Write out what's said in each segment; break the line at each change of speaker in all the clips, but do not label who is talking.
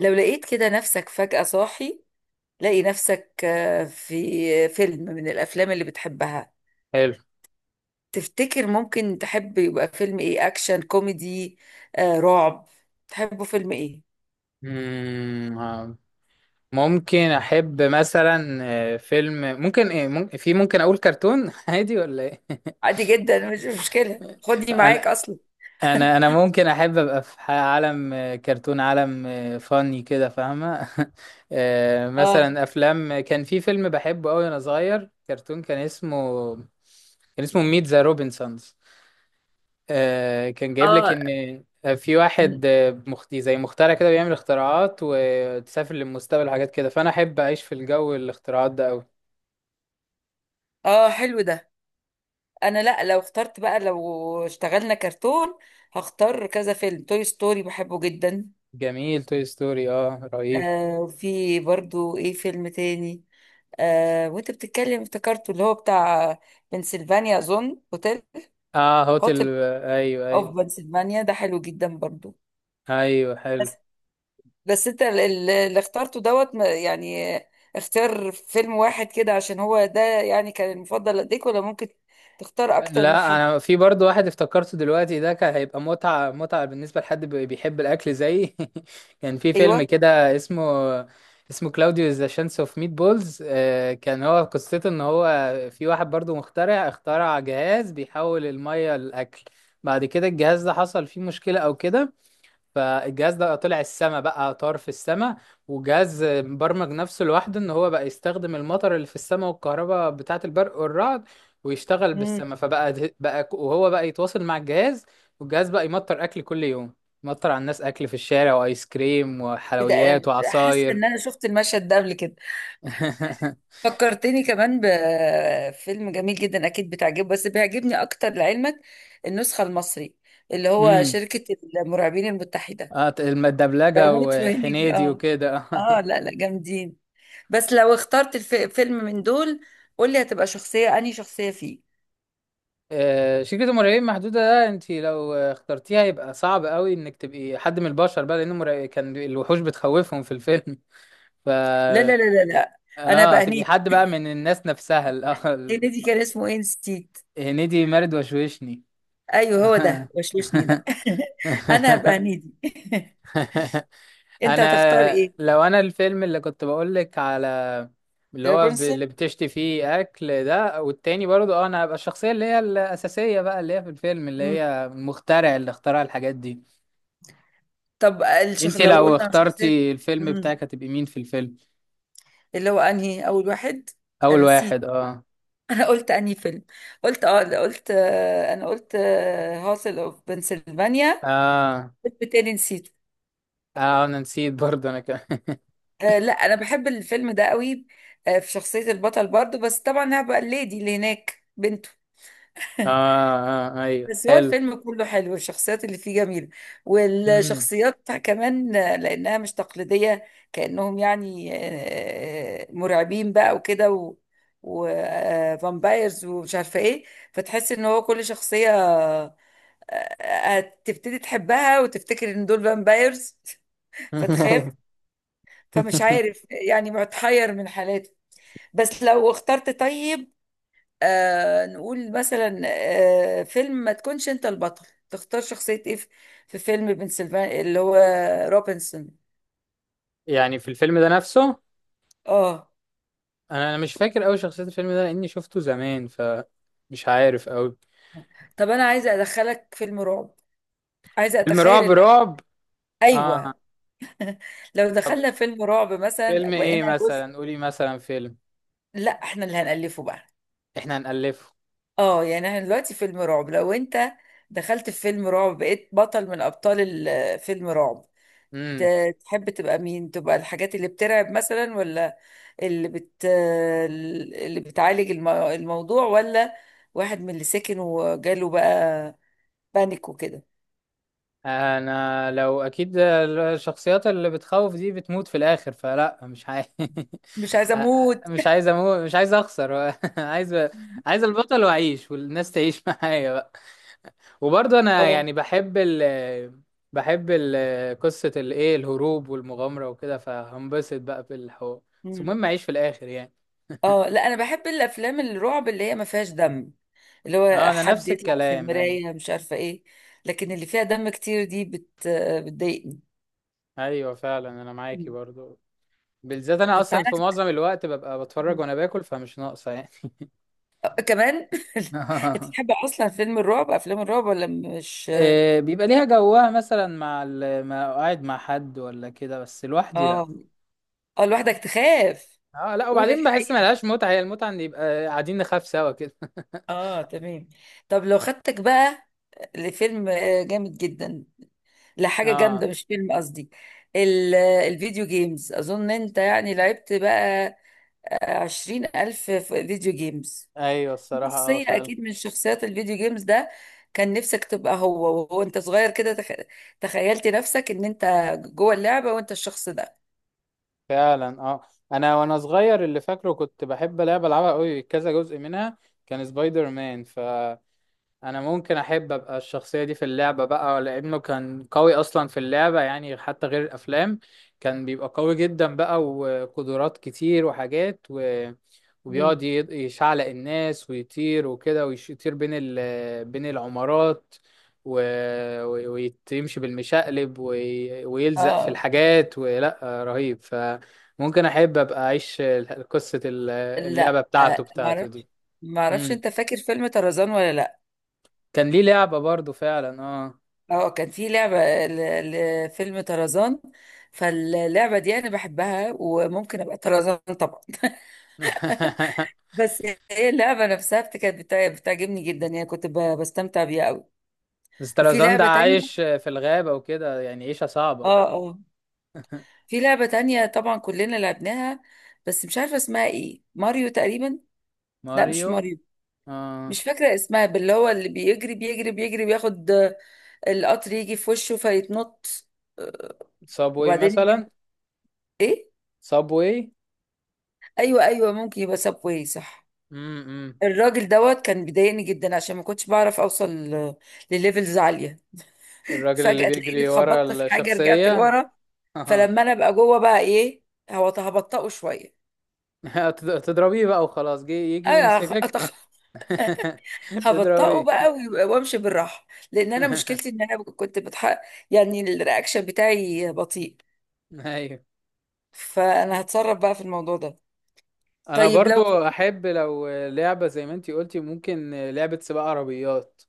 لو لقيت كده نفسك فجأة صاحي، لاقي نفسك في فيلم من الأفلام اللي بتحبها.
حلو.
تفتكر ممكن تحب يبقى فيلم إيه؟ أكشن كوميدي، رعب؟ تحبه فيلم إيه؟
مم، آه. ممكن احب مثلا فيلم ممكن ايه ممكن في ممكن اقول كرتون عادي ولا ايه؟
عادي جدا، مش مشكلة، خدني معاك
انا
أصلا.
انا ممكن احب ابقى في عالم كرتون، عالم فاني كده، فاهمه.
آه.
مثلا افلام، كان في فيلم بحبه قوي وانا صغير، كرتون، كان اسمه ميت ذا روبنسونز. كان جايب لك
اه.
ان في واحد زي مخترع كده، بيعمل اختراعات وتسافر للمستقبل وحاجات كده، فانا احب اعيش في الجو، الاختراعات ده قوي.
حلو ده. أنا لأ، لو اخترت بقى، لو اشتغلنا كرتون هختار كذا فيلم. توي ستوري بحبه جدا.
جميل، توي ستوري اه رهيب.
في برضو إيه؟ فيلم تاني، وانت بتتكلم افتكرته، اللي هو بتاع بنسلفانيا، اظن هوتيل.
اه هوتل
هوتيل
ايوه
اوف
ايوه.
بنسلفانيا ده حلو جدا برضو.
ايوه حلو.
بس بس انت اللي اخترته دوت ما- يعني اختار فيلم واحد كده، عشان هو ده يعني كان المفضل لديك، ولا ممكن تختار اكتر من
لا،
حد؟
انا في برضو واحد افتكرته دلوقتي، ده كان هيبقى متعة متعة بالنسبة لحد بيحب الاكل زيي. كان في فيلم
ايوه.
كده اسمه، كلاوديو ذا شانس اوف ميت بولز. كان هو قصته ان هو في واحد برضو مخترع، اخترع جهاز بيحول المية لاكل. بعد كده الجهاز ده حصل فيه مشكلة او كده، فالجهاز ده طلع السما بقى، طار في السما. وجهاز مبرمج نفسه لوحده ان هو بقى يستخدم المطر اللي في السما والكهرباء بتاعة البرق والرعد ويشتغل
امم.
بالسما، فبقى ده- بقى ك- وهو بقى يتواصل مع الجهاز، والجهاز بقى يمطر اكل كل يوم، يمطر على الناس اكل في الشارع، وايس كريم
ده
وحلويات
حاسه
وعصاير.
ان انا شفت المشهد ده قبل كده. فكرتني كمان بفيلم جميل جدا، اكيد بتعجبه، بس بيعجبني اكتر لعلمك، النسخه المصري اللي هو
امم.
شركه المرعبين المتحده.
الدبلجة
بموت في هنيدي.
وحنيدي
اه.
وكده.
اه لا لا، جامدين. بس لو اخترت فيلم من دول، قول لي هتبقى شخصيه، انهي شخصيه فيه؟
شركة المرعبين محدودة ده، انت لو اخترتيها يبقى صعب قوي انك تبقي حد من البشر بقى، لان المرع... كان الوحوش بتخوفهم في الفيلم. ف
لا لا لا لا لا. انا
اه،
بقى
تبقي
هنيدي.
حد بقى من الناس نفسها،
هنيدي كان اسمه ايه، نسيت.
هنيدي مارد وشوشني.
ايوه، هو ده وشوشني ده. انا هبقى هنيدي. انت هتختار
انا
ايه؟
لو انا الفيلم اللي كنت بقولك على، اللي هو
رابنزل.
اللي بتشتي فيه اكل ده، والتاني برضه اه، انا هبقى الشخصية اللي هي الأساسية بقى، اللي هي في الفيلم، اللي هي المخترع اللي اخترع الحاجات دي.
طب
انت
لو
لو
قلنا على شخصيات،
اخترتي الفيلم
مم.
بتاعك هتبقي مين في الفيلم؟
اللي هو انهي اول واحد؟
اول
انا نسيت.
واحد اه.
انا قلت انهي فيلم؟ قلت لا، قلت انا قلت هاسل اوف بنسلفانيا.
اه
فيلم تاني نسيته.
اه انا نسيت برضه، انا كمان.
لا انا بحب الفيلم ده قوي. في شخصية البطل برضو، بس طبعا هبقى الليدي اللي هناك بنته.
اه اه ايوه
بس هو
حلو.
الفيلم كله حلو، والشخصيات اللي فيه جميلة،
امم.
والشخصيات كمان لأنها مش تقليدية. كأنهم يعني مرعبين بقى وكده، وفامبايرز ومش عارفة ايه. فتحس ان هو كل شخصية آه، تبتدي تحبها، وتفتكر ان دول فامبايرز فتخاف. فمش عارف يعني، متحير من حالاته. بس لو اخترت طيب، نقول مثلا، فيلم ما تكونش انت البطل، تختار شخصية ايه في في فيلم بنسلفانيا، اللي هو روبنسون.
يعني في الفيلم ده نفسه؟
اه.
انا مش فاكر قوي شخصية الفيلم ده لاني شفته زمان، فمش عارف قوي.
طب انا عايزة ادخلك فيلم رعب، عايزة
فيلم
اتخيل
رعب
ان،
رعب
ايوه،
اه.
لو
طب
دخلنا فيلم رعب مثلا
فيلم ايه
بقينا جزء.
مثلا؟ قولي مثلا فيلم.
لا احنا اللي هنألفه بقى.
احنا هنألفه.
اه، يعني احنا دلوقتي فيلم رعب، لو انت دخلت في فيلم رعب بقيت بطل من ابطال فيلم رعب، تحب تبقى مين؟ تبقى الحاجات اللي بترعب مثلا، ولا اللي بت اللي بتعالج الموضوع، ولا واحد من اللي ساكن وجاله بقى بانيك وكده؟
انا لو اكيد الشخصيات اللي بتخوف دي بتموت في الاخر، فلا مش عايز.
مش عايزه اموت.
مش عايز اموت، مش عايز اخسر. عايز، عايز البطل واعيش والناس تعيش معايا بقى. وبرضه انا
اه.
يعني بحب ال قصة الايه، الهروب والمغامرة وكده، فهنبسط بقى في الحوار. بس
مم.
المهم اعيش في الاخر يعني.
اه لا، انا بحب الافلام الرعب اللي هي ما فيهاش دم، اللي
اه،
هو
انا
حد
نفس
يطلع في
الكلام ايوه.
المرايه مش عارفه ايه. لكن اللي فيها دم كتير دي بتضايقني.
ايوه فعلا، انا معاكي
مم.
برضو. بالذات انا
طب
اصلا
تعالى
في معظم الوقت ببقى بتفرج وانا باكل، فمش ناقصه يعني.
كمان. انت بتحب اصلا فيلم الرعب افلام الرعب، ولا مش؟
بيبقى ليها جوها مثلا مع ال... مع قاعد مع حد ولا كده، بس لوحدي لا.
اه. اه، لوحدك تخاف.
اه لا،
قول
وبعدين بحس ما
الحقيقة.
لهاش متعة، هي المتعة ان يبقى قاعدين نخاف سوا كده.
اه تمام. طب لو خدتك بقى لفيلم جامد جدا، لحاجة جامدة
اه
مش فيلم قصدي، الفيديو جيمز. أظن أنت يعني لعبت بقى 20,000 فيديو جيمز.
ايوه
في
الصراحة اه
شخصية
فعلا.
أكيد من شخصيات الفيديو جيمز ده كان نفسك تبقى هو، وهو أنت صغير كده تخيلت نفسك إن أنت جوه اللعبة وأنت الشخص ده.
فعلا اه، انا وانا صغير اللي فاكره كنت بحب لعبة العبها قوي كذا جزء منها، كان سبايدر مان. انا ممكن احب ابقى الشخصيه دي في اللعبه بقى، لانه كان قوي اصلا في اللعبه يعني حتى غير الافلام، كان بيبقى قوي جدا بقى، وقدرات كتير وحاجات
مم.
وبيقعد ي- يشعلق الناس ويطير وكده، ويطير بين ال... بين العمارات و... و- ويمشي بالمشقلب ويلزق في
اه
الحاجات ولا رهيب. فممكن احب ابقى اعيش قصه اللعبه
لا،
بتاعته بتاعته دي.
معرفش.
مم.
انت فاكر فيلم طرزان ولا لا؟
كان ليه لعبة برضو فعلا آه.
اه كان في لعبة ل- لفيلم طرزان. فاللعبة دي انا بحبها، وممكن ابقى طرزان طبعا. بس هي اللعبة نفسها بتعجبني جدا يعني، كنت بستمتع بيها قوي. وفي
سترازان ده
لعبة
عايش
تانية.
في الغابة وكده، يعني عيشة
اه
صعبة.
اه. في لعبة تانية طبعا كلنا لعبناها، بس مش عارفة اسمها ايه، ماريو تقريبا. لا مش
ماريو
ماريو.
آه.
مش فاكرة اسمها، باللي هو اللي بيجري بيجري بيجري بياخد القطر يجي في وشه فيتنط،
صابوي
وبعدين يجي
مثلا.
ايه؟
صابوي.
ايوه ايوه، ممكن يبقى سبواي، صح.
امم.
الراجل دوت كان بيضايقني جدا، عشان ما كنتش بعرف اوصل لليفلز عاليه.
الراجل اللي
فجاه تلاقيني
بيجري ورا
اتخبطت في حاجه رجعت
الشخصية.
لورا.
آه.
فلما انا ابقى جوه بقى ايه، هو هبطئه شويه.
تضربيه بقى وخلاص، يجي
انا
يمسكك.
هبطئه
تضربيه.
بقى، وامشي بالراحه، لان انا مشكلتي ان انا كنت بتحق، يعني الرياكشن بتاعي بطيء،
ايوه،
فانا هتصرف بقى في الموضوع ده.
انا
طيب لو،
برضو. احب لو لعبة زي ما انتي قلتي، ممكن لعبة سباق عربيات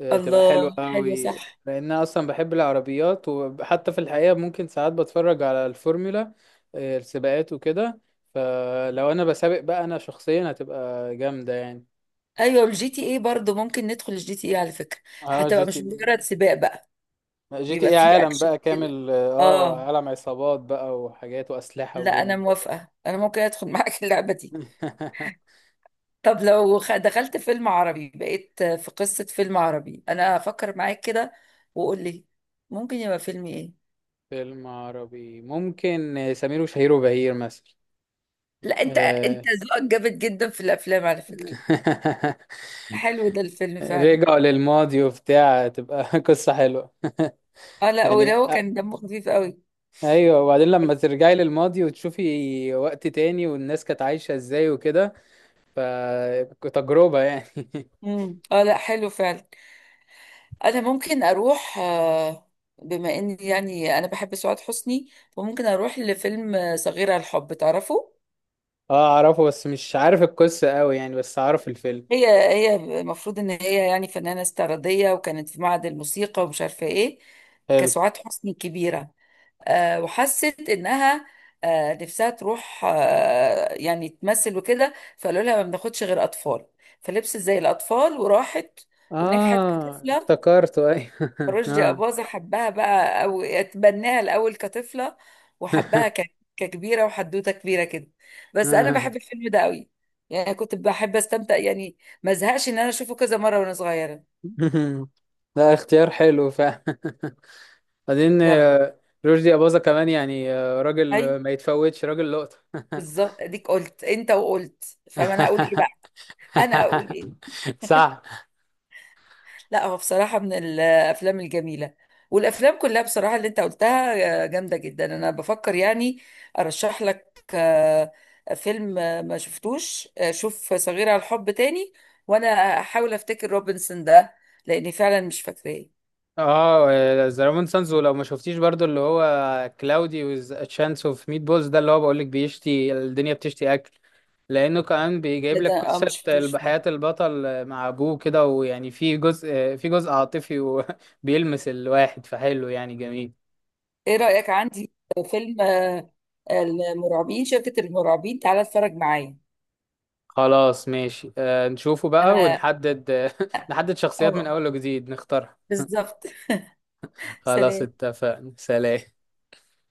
تبقى حلوة
الله حلو
قوي،
صح.
لان أنا اصلا بحب العربيات، وحتى في الحقيقة ممكن ساعات بتفرج على الفورمولا، السباقات وكده، فلو انا بسابق بقى انا شخصيا هتبقى جامدة يعني.
ايوه الجي تي اي برضه، ممكن ندخل الجي تي اي على فكره.
اه
هتبقى مش مجرد سباق بقى،
جي تي
بيبقى
ايه
فيه
عالم
اكشن
بقى
كده.
كامل، اه
اه.
عالم عصابات بقى، وحاجات واسلحة
لا انا
ودنيا.
موافقه، انا ممكن ادخل معاك اللعبه دي. طب لو دخلت فيلم عربي بقيت في قصه فيلم عربي، انا افكر معاك كده وقول لي ممكن يبقى فيلم ايه.
فيلم عربي، ممكن سمير وشهير وبهير
لا انت،
مثلا.
ذوقك جامد جدا في الافلام على فكره. حلو ده الفيلم فعلا.
رجعوا للماضي وبتاع، تبقى قصة حلوة.
اه لا،
يعني
وده هو
أ-
كان دمه خفيف قوي.
ايوه، وبعدين لما ترجعي للماضي وتشوفي وقت تاني والناس كانت عايشة ازاي وكده، فتجربة يعني.
امم. اه لا، حلو فعلا. انا ممكن اروح بما اني يعني انا بحب سعاد حسني، فممكن اروح لفيلم صغيرة الحب، تعرفه؟
اه اعرفه، بس مش عارف القصة قوي يعني، بس اعرف الفيلم.
هي هي المفروض ان هي يعني فنانة استعراضية، وكانت في معهد الموسيقى ومش عارفة ايه،
حلو.
كسعاد حسني كبيرة. وحست انها نفسها تروح يعني تمثل وكده، فقالوا لها ما بناخدش غير اطفال، فلبست زي الاطفال وراحت ونجحت
اه
كطفلة.
افتكرته ايوه.
رشدي
اه
أباظة حبها بقى، أو اتبناها الأول كطفلة، وحبها ككبيرة، وحدوتة كبيرة كده. بس أنا
اه.
بحب الفيلم ده قوي، يعني كنت بحب أستمتع يعني. ما زهقش إن أنا أشوفه كذا مرة وأنا صغيرة.
ده اختيار حلو فعلا. بعدين
يلا.
رشدي أباظة كمان يعني راجل
هاي،
ما يتفوتش، راجل لقطة.
بالظبط، أديك قلت أنت وقلت، فما أنا أقول إيه بقى؟ أنا أقول إيه؟
صح.
لا هو بصراحة من الأفلام الجميلة. والأفلام كلها بصراحة اللي أنت قلتها جامدة جدا. أنا بفكر يعني أرشح لك فيلم ما شفتوش، شوف صغيرة على الحب تاني، وأنا أحاول أفتكر روبنسون ده لأني فعلا مش فاكراه.
اه ذا رومان سانز، ولو ما شفتيش برضو اللي هو كلاودي ويز تشانس اوف ميت بولز ده، اللي هو بقولك بيشتي الدنيا، بتشتي اكل، لانه كمان بيجيب
لا ده
لك قصه
ما شفتوش خالص.
حياه البطل مع ابوه كده، ويعني في جزء عاطفي وبيلمس الواحد، فحلو يعني جميل.
إيه رأيك عندي فيلم المرعبين، المرعبين، تعالى اتفرج معايا.
خلاص ماشي، نشوفه بقى
أنا.
ونحدد. نحدد شخصيات من
أه،
اول وجديد نختارها.
بالظبط.
خلاص
سلام.
اتفقنا، سلام.